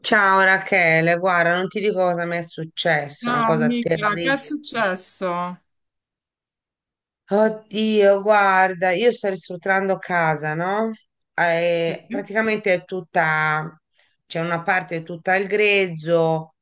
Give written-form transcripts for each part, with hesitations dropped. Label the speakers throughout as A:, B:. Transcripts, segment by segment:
A: Ciao Rachele, guarda, non ti dico cosa mi è successo, una
B: Ah,
A: cosa
B: amica, che è
A: terribile.
B: successo?
A: Oddio, guarda, io sto ristrutturando casa, no?
B: Sì,
A: Praticamente è tutta, c'è una parte tutta al grezzo,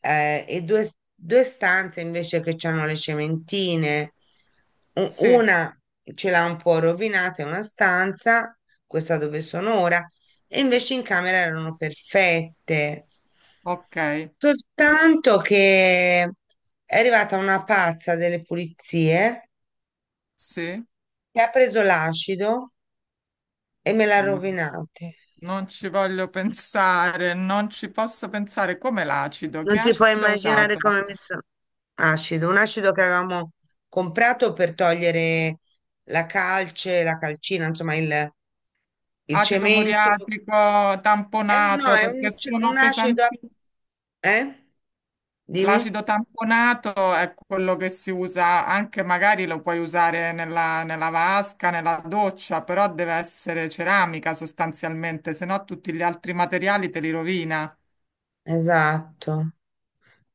A: e due stanze invece che hanno le cementine.
B: sì,
A: Una ce l'ha un po' rovinata, è una stanza, questa dove sono ora, e invece in camera erano perfette.
B: ok,
A: Soltanto che è arrivata una pazza delle pulizie
B: sì,
A: che ha preso l'acido e me l'ha
B: no,
A: rovinata.
B: non ci voglio pensare, non ci posso pensare. Come l'acido? Che
A: Non ti puoi
B: acido ha
A: immaginare
B: usato?
A: come mi sono acido, un acido che avevamo comprato per togliere la calce, la calcina, insomma il
B: Acido
A: cemento.
B: muriatico,
A: È un, no,
B: tamponato,
A: è un,
B: perché
A: ce- Un
B: sono
A: acido,
B: pesanti.
A: eh? Dimmi.
B: L'acido tamponato è quello che si usa anche, magari lo puoi usare nella, vasca, nella doccia, però deve essere ceramica sostanzialmente, se no tutti gli altri materiali te li rovina.
A: Esatto.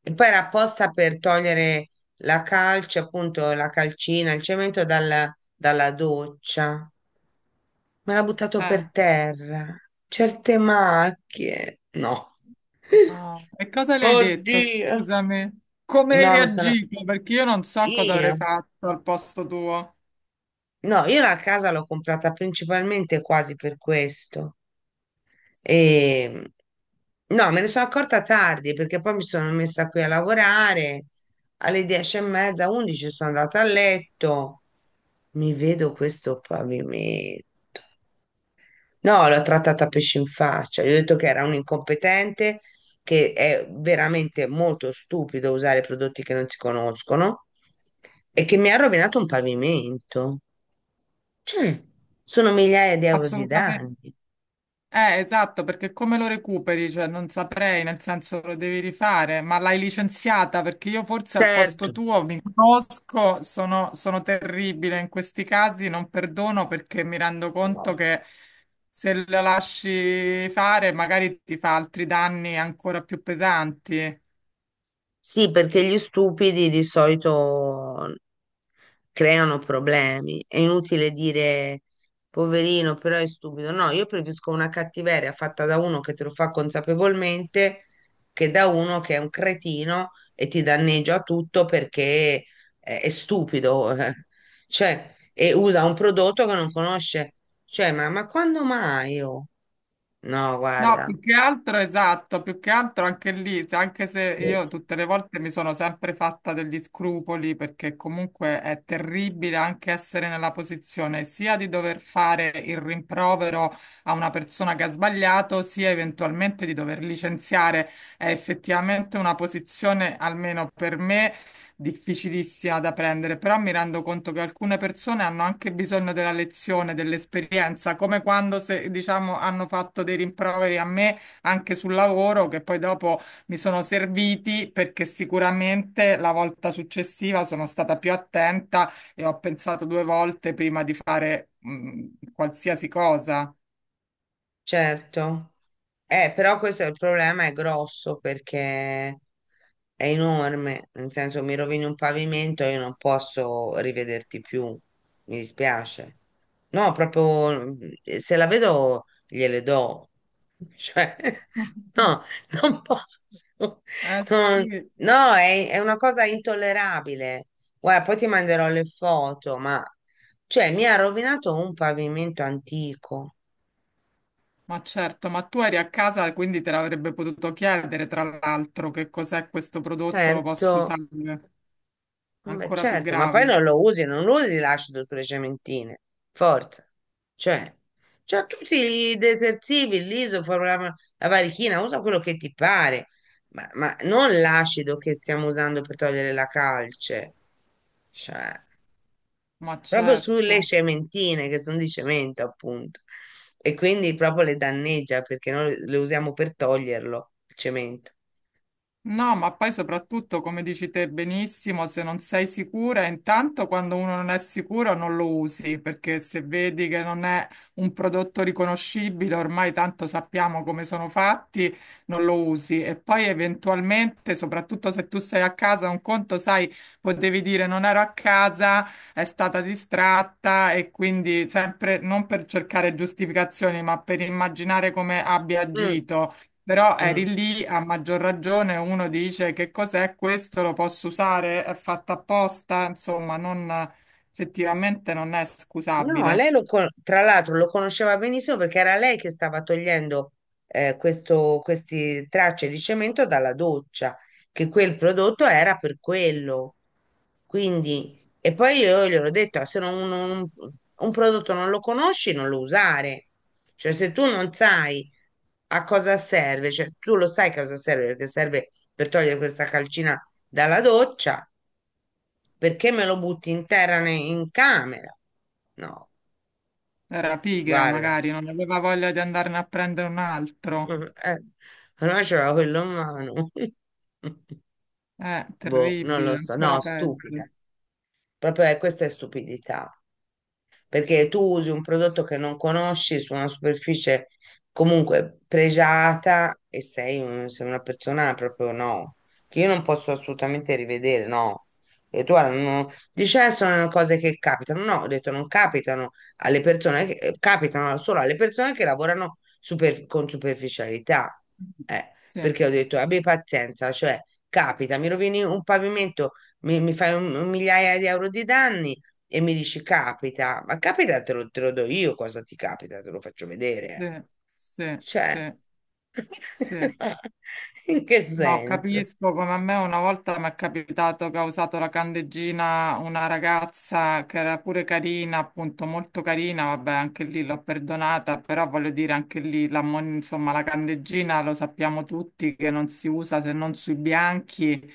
A: E poi era apposta per togliere la calce, appunto la calcina, il cemento dalla, dalla doccia. Me l'ha buttato
B: Eh.
A: per terra. Certe macchie. No.
B: No. E cosa le hai detto?
A: Oddio.
B: Scusami. Come hai
A: No, mi sono...
B: reagito? Perché io non so cosa
A: Io?
B: avrei fatto al posto tuo.
A: No, io la casa l'ho comprata principalmente quasi per questo. E... No, me ne sono accorta tardi perché poi mi sono messa qui a lavorare alle 10 e mezza, 11 sono andata a letto. Mi vedo questo pavimento. No, l'ho trattata a pesce in faccia. Gli ho detto che era un incompetente, che è veramente molto stupido usare prodotti che non si conoscono e che mi ha rovinato un pavimento. Cioè, sono migliaia di euro di
B: Assolutamente.
A: danni.
B: Esatto, perché come lo recuperi? Cioè, non saprei, nel senso lo devi rifare, ma l'hai licenziata perché io forse al posto
A: Certo.
B: tuo mi conosco, sono terribile in questi casi, non perdono perché mi rendo conto che se la lasci fare magari ti fa altri danni ancora più pesanti.
A: Sì, perché gli stupidi di solito creano problemi. È inutile dire poverino, però è stupido. No, io preferisco una cattiveria fatta da uno che te lo fa consapevolmente che da uno che è un cretino e ti danneggia tutto perché è stupido. eh. Cioè, e usa un prodotto che non conosce. Cioè, quando mai? Oh? No,
B: No,
A: guarda,
B: più che altro, esatto, più che altro anche lì, anche se io tutte le volte mi sono sempre fatta degli scrupoli, perché comunque è terribile anche essere nella posizione sia di dover fare il rimprovero a una persona che ha sbagliato, sia eventualmente di dover licenziare. È effettivamente una posizione, almeno per me difficilissima da prendere, però mi rendo conto che alcune persone hanno anche bisogno della lezione, dell'esperienza, come quando se, diciamo, hanno fatto dei rimproveri a me anche sul lavoro, che poi dopo mi sono serviti perché sicuramente la volta successiva sono stata più attenta e ho pensato due volte prima di fare, qualsiasi cosa.
A: certo. Però questo è il problema, è grosso perché è enorme, nel senso mi rovini un pavimento e io non posso rivederti più, mi dispiace. No, proprio se la vedo gliele do. Cioè, no, non posso.
B: Eh
A: Non-
B: sì.
A: no, è una cosa intollerabile. Guarda, poi ti manderò le foto, ma cioè, mi ha rovinato un pavimento antico.
B: Ma certo, ma tu eri a casa, quindi te l'avrebbe potuto chiedere, tra l'altro, che cos'è questo prodotto, lo posso
A: Certo,
B: usare?
A: vabbè,
B: Ancora più
A: certo, ma poi
B: grave.
A: non lo usi, non usi l'acido sulle cementine. Forza. Cioè, c'ha tutti i detersivi, l'isoforo, la varichina, usa quello che ti pare, ma non l'acido che stiamo usando per togliere la calce. Cioè,
B: Ma
A: proprio sulle
B: certo.
A: cementine che sono di cemento, appunto. E quindi proprio le danneggia perché noi le usiamo per toglierlo, il cemento.
B: No, ma poi soprattutto, come dici te benissimo, se non sei sicura, intanto quando uno non è sicuro non lo usi, perché se vedi che non è un prodotto riconoscibile, ormai tanto sappiamo come sono fatti, non lo usi. E poi eventualmente, soprattutto se tu sei a casa, un conto, sai, potevi dire non ero a casa, è stata distratta e quindi sempre non per cercare giustificazioni, ma per immaginare come abbia
A: Mm,
B: agito. Però eri
A: mm.
B: lì, a maggior ragione, uno dice che cos'è questo, lo posso usare, è fatto apposta, insomma, non, effettivamente non è
A: No,
B: scusabile.
A: lei lo tra l'altro lo conosceva benissimo perché era lei che stava togliendo questo, queste tracce di cemento dalla doccia, che quel prodotto era per quello. Quindi, e poi io gliel'ho detto: "Ah, se non- un prodotto non lo conosci, non lo usare. Cioè, se tu non sai a cosa serve, cioè tu lo sai a cosa serve, perché serve per togliere questa calcina dalla doccia, perché me lo butti in terra in camera? No,
B: Era pigra,
A: guarda,
B: magari, non aveva voglia di andarne a prendere un altro.
A: eh, allora c'era quello in mano. Boh, non lo
B: Terribile,
A: so, no,
B: ancora
A: stupida.
B: peggio.
A: Proprio questa è stupidità, perché tu usi un prodotto che non conosci su una superficie comunque pregiata e sei, sei una persona proprio no, che io non posso assolutamente rivedere, no. E tu guarda, non, dici: sono cose che capitano." No, ho detto non capitano alle persone, che, capitano solo alle persone che lavorano con superficialità. Eh,
B: Sì,
A: perché ho detto abbi pazienza, cioè capita, mi rovini un pavimento, mi fai un migliaia di euro di danni e mi dici capita, ma capita te lo do io cosa ti capita, te lo faccio vedere.
B: sì, sì,
A: Cioè,
B: sì, sì.
A: in che
B: No,
A: senso?
B: capisco come a me una volta mi è capitato che ha usato la candeggina una ragazza che era pure carina, appunto molto carina, vabbè anche lì l'ho perdonata, però voglio dire anche lì, insomma la candeggina lo sappiamo tutti che non si usa se non sui bianchi,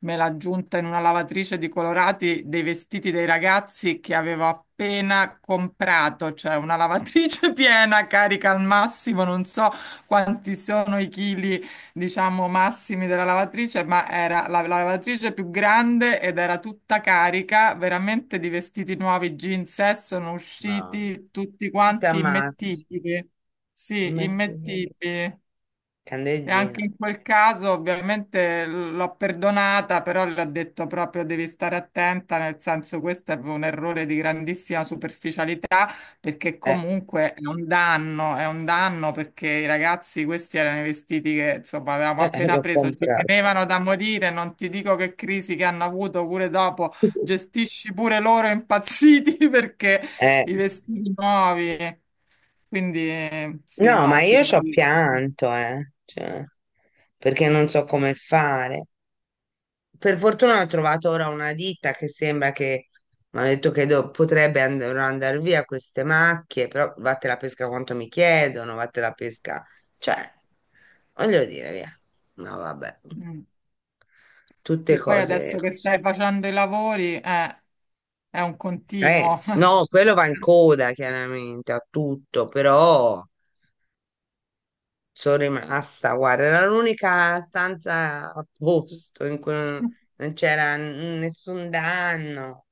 B: me l'ha aggiunta in una lavatrice di colorati dei vestiti dei ragazzi che avevo appena comprato, cioè una lavatrice piena, carica al massimo, non so quanti sono i chili diciamo, massimi della lavatrice, ma era la, lavatrice più grande ed era tutta carica, veramente di vestiti nuovi, jeans, sono
A: No.
B: usciti tutti
A: Tutta
B: quanti
A: amata,
B: immettibili. Sì,
A: mettimi
B: immettibili. E anche
A: candeggina.
B: in quel caso ovviamente l'ho perdonata, però le ho detto proprio devi stare attenta, nel senso questo è un errore di grandissima superficialità, perché
A: Eh,
B: comunque è un danno perché i ragazzi questi erano i vestiti che insomma avevamo appena
A: l'ho
B: preso, ci
A: comprato.
B: tenevano da morire, non ti dico che crisi che hanno avuto pure dopo, gestisci pure loro impazziti perché
A: Eh,
B: i vestiti nuovi, quindi sì,
A: no, ma
B: no, ti
A: io ci ho
B: capisco.
A: pianto, cioè, perché non so come fare. Per fortuna ho trovato ora una ditta che sembra che mi ha detto che potrebbe andare via queste macchie, però vatte la pesca quanto mi chiedono, vatte la pesca, cioè, voglio dire, via. No, vabbè,
B: Mm.
A: tutte
B: Sì, poi
A: cose
B: adesso che
A: così.
B: stai facendo i lavori, è un continuo.
A: No, quello va in coda chiaramente a tutto, però sono rimasta, guarda, era l'unica stanza a posto in cui non c'era nessun danno.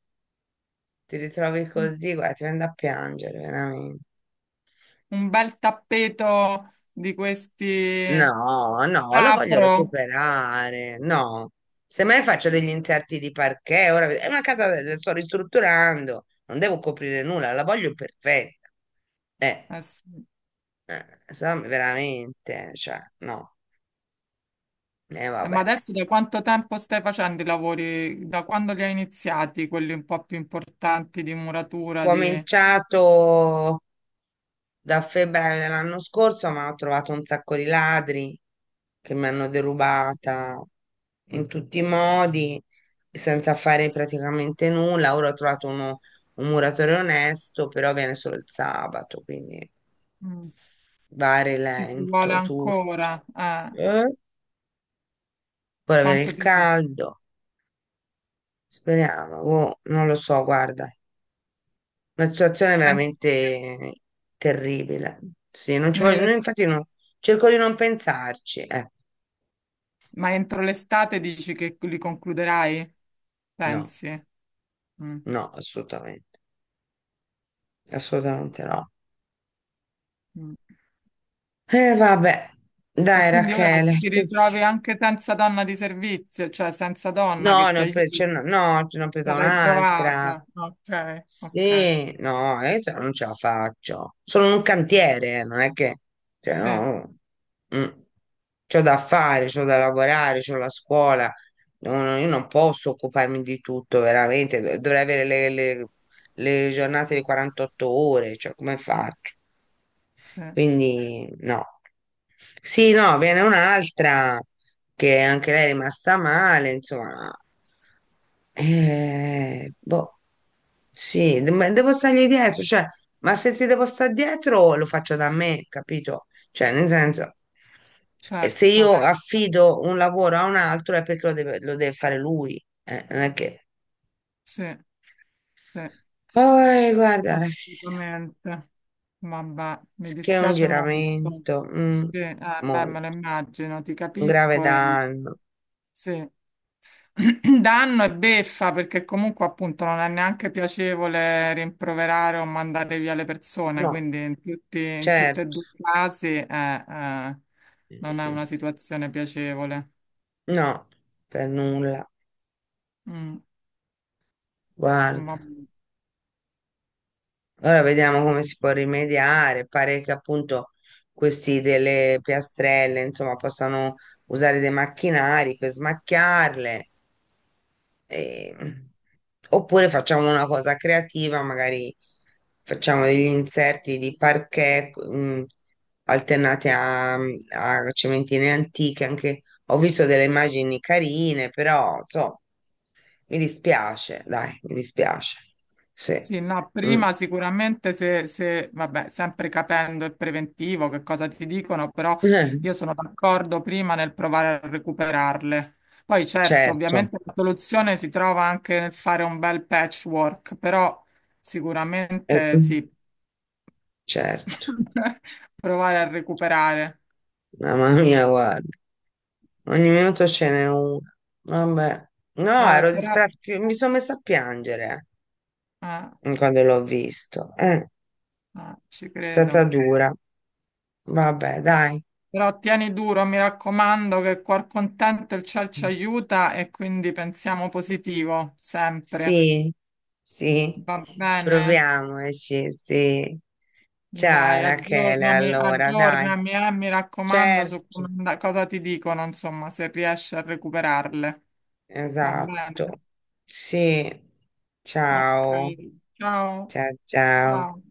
A: Ti ritrovi così, guarda, ti viene da piangere, veramente.
B: Un bel tappeto di questi
A: No, no, lo voglio
B: afro.
A: recuperare. No, semmai faccio degli interti di parquet. Ora è una casa, la sto ristrutturando, non devo coprire nulla, la voglio perfetta. Eh,
B: Eh sì.
A: insomma, veramente, cioè, no, e
B: Ma
A: vabbè.
B: adesso da quanto tempo stai facendo i lavori? Da quando li hai iniziati, quelli un po' più importanti di muratura, di...
A: Cominciato da febbraio dell'anno scorso, ma ho trovato un sacco di ladri che mi hanno derubata in tutti i modi, senza fare praticamente nulla. Ora ho trovato un muratore onesto, però viene solo il sabato, quindi
B: Mm.
A: va a
B: Ti ci vuole
A: rilento tutto.
B: ancora?
A: Eh? Ora viene
B: Quanto
A: il
B: ti...
A: caldo, speriamo, boh, non lo so, guarda, una situazione
B: ma
A: veramente terribile. Sì, non ci voglio, no,
B: nell'es-
A: infatti non, cerco di non pensarci,
B: ma entro l'estate dici che li concluderai?
A: no.
B: Pensi? Mm.
A: No, assolutamente, assolutamente no.
B: Mm.
A: Vabbè,
B: E
A: dai
B: quindi ora
A: Rachele,
B: ti
A: che
B: ritrovi anche senza donna di servizio, cioè senza donna
A: no,
B: che
A: ne
B: ti
A: ho pre- ce
B: aiuti.
A: n'ho- no, ce n'ho presa
B: Non l'hai
A: un'altra.
B: trovata. Ok, ok.
A: Sì, no, cioè, non ce la faccio. Sono un cantiere, non è che, cioè,
B: Sì,
A: no, mm. C'ho da fare, c'ho da lavorare, c'ho la scuola. No, no, io non posso occuparmi di tutto, veramente. Dovrei avere le giornate di 48 ore, cioè, come faccio?
B: sì,
A: Quindi no. Sì, no, viene un'altra che anche lei è rimasta male, insomma. Boh, sì, ma devo stargli dietro, cioè, ma se ti devo stare dietro lo faccio da me, capito? Cioè, nel senso, se io
B: certo.
A: affido un lavoro a un altro è perché lo deve fare lui, non è che...
B: Sì, sì,
A: Oh, guarda, alla fine,
B: assolutamente. Vabbè, mi
A: che è un
B: dispiace molto.
A: giramento,
B: Sì,
A: mm,
B: beh, me lo
A: molto.
B: immagino, ti
A: Un grave
B: capisco e
A: danno.
B: sì. Danno e beffa perché comunque appunto non è neanche piacevole rimproverare o mandare via le persone,
A: No,
B: quindi in tutti
A: certo,
B: e due i casi non è una situazione piacevole.
A: no, per nulla.
B: Mm,
A: Guarda,
B: vabbè.
A: ora vediamo come si può rimediare. Pare che appunto questi delle piastrelle, insomma, possano usare dei macchinari per smacchiarle. Ehm, oppure facciamo una cosa creativa, magari facciamo degli inserti di parquet, alternati a cementine antiche, anche ho visto delle immagini carine, però insomma, mi dispiace, dai, mi dispiace. Sì.
B: Sì, no,
A: Mm.
B: prima sicuramente vabbè, sempre capendo il preventivo che cosa ti dicono, però
A: Eh,
B: io sono d'accordo prima nel provare a recuperarle. Poi certo,
A: certo,
B: ovviamente la soluzione si trova anche nel fare un bel patchwork, però
A: eh,
B: sicuramente
A: mm,
B: sì,
A: certo.
B: provare a recuperare.
A: Mamma mia, guarda, ogni minuto ce n'è una. Vabbè. No,
B: Ah,
A: ero
B: però,
A: disperata, mi sono messa a piangere. Eh,
B: ah,
A: mm, quando l'ho visto. È
B: ah, ci
A: stata
B: credo.
A: dura. Vabbè, dai.
B: Però tieni duro, mi raccomando, che cuor contento il ciel ci aiuta e quindi pensiamo positivo, sempre.
A: Sì, sì.
B: Va bene?
A: Proviamoci, sì, sì. Ciao
B: Dai,
A: Rachele,
B: aggiornami,
A: allora, dai.
B: aggiornami, mi raccomando su
A: Certo,
B: cosa ti dicono, insomma, se riesci a recuperarle. Va bene?
A: esatto. Sì.
B: Ok.
A: Ciao.
B: Ciao.
A: Ciao, ciao.
B: Ciao.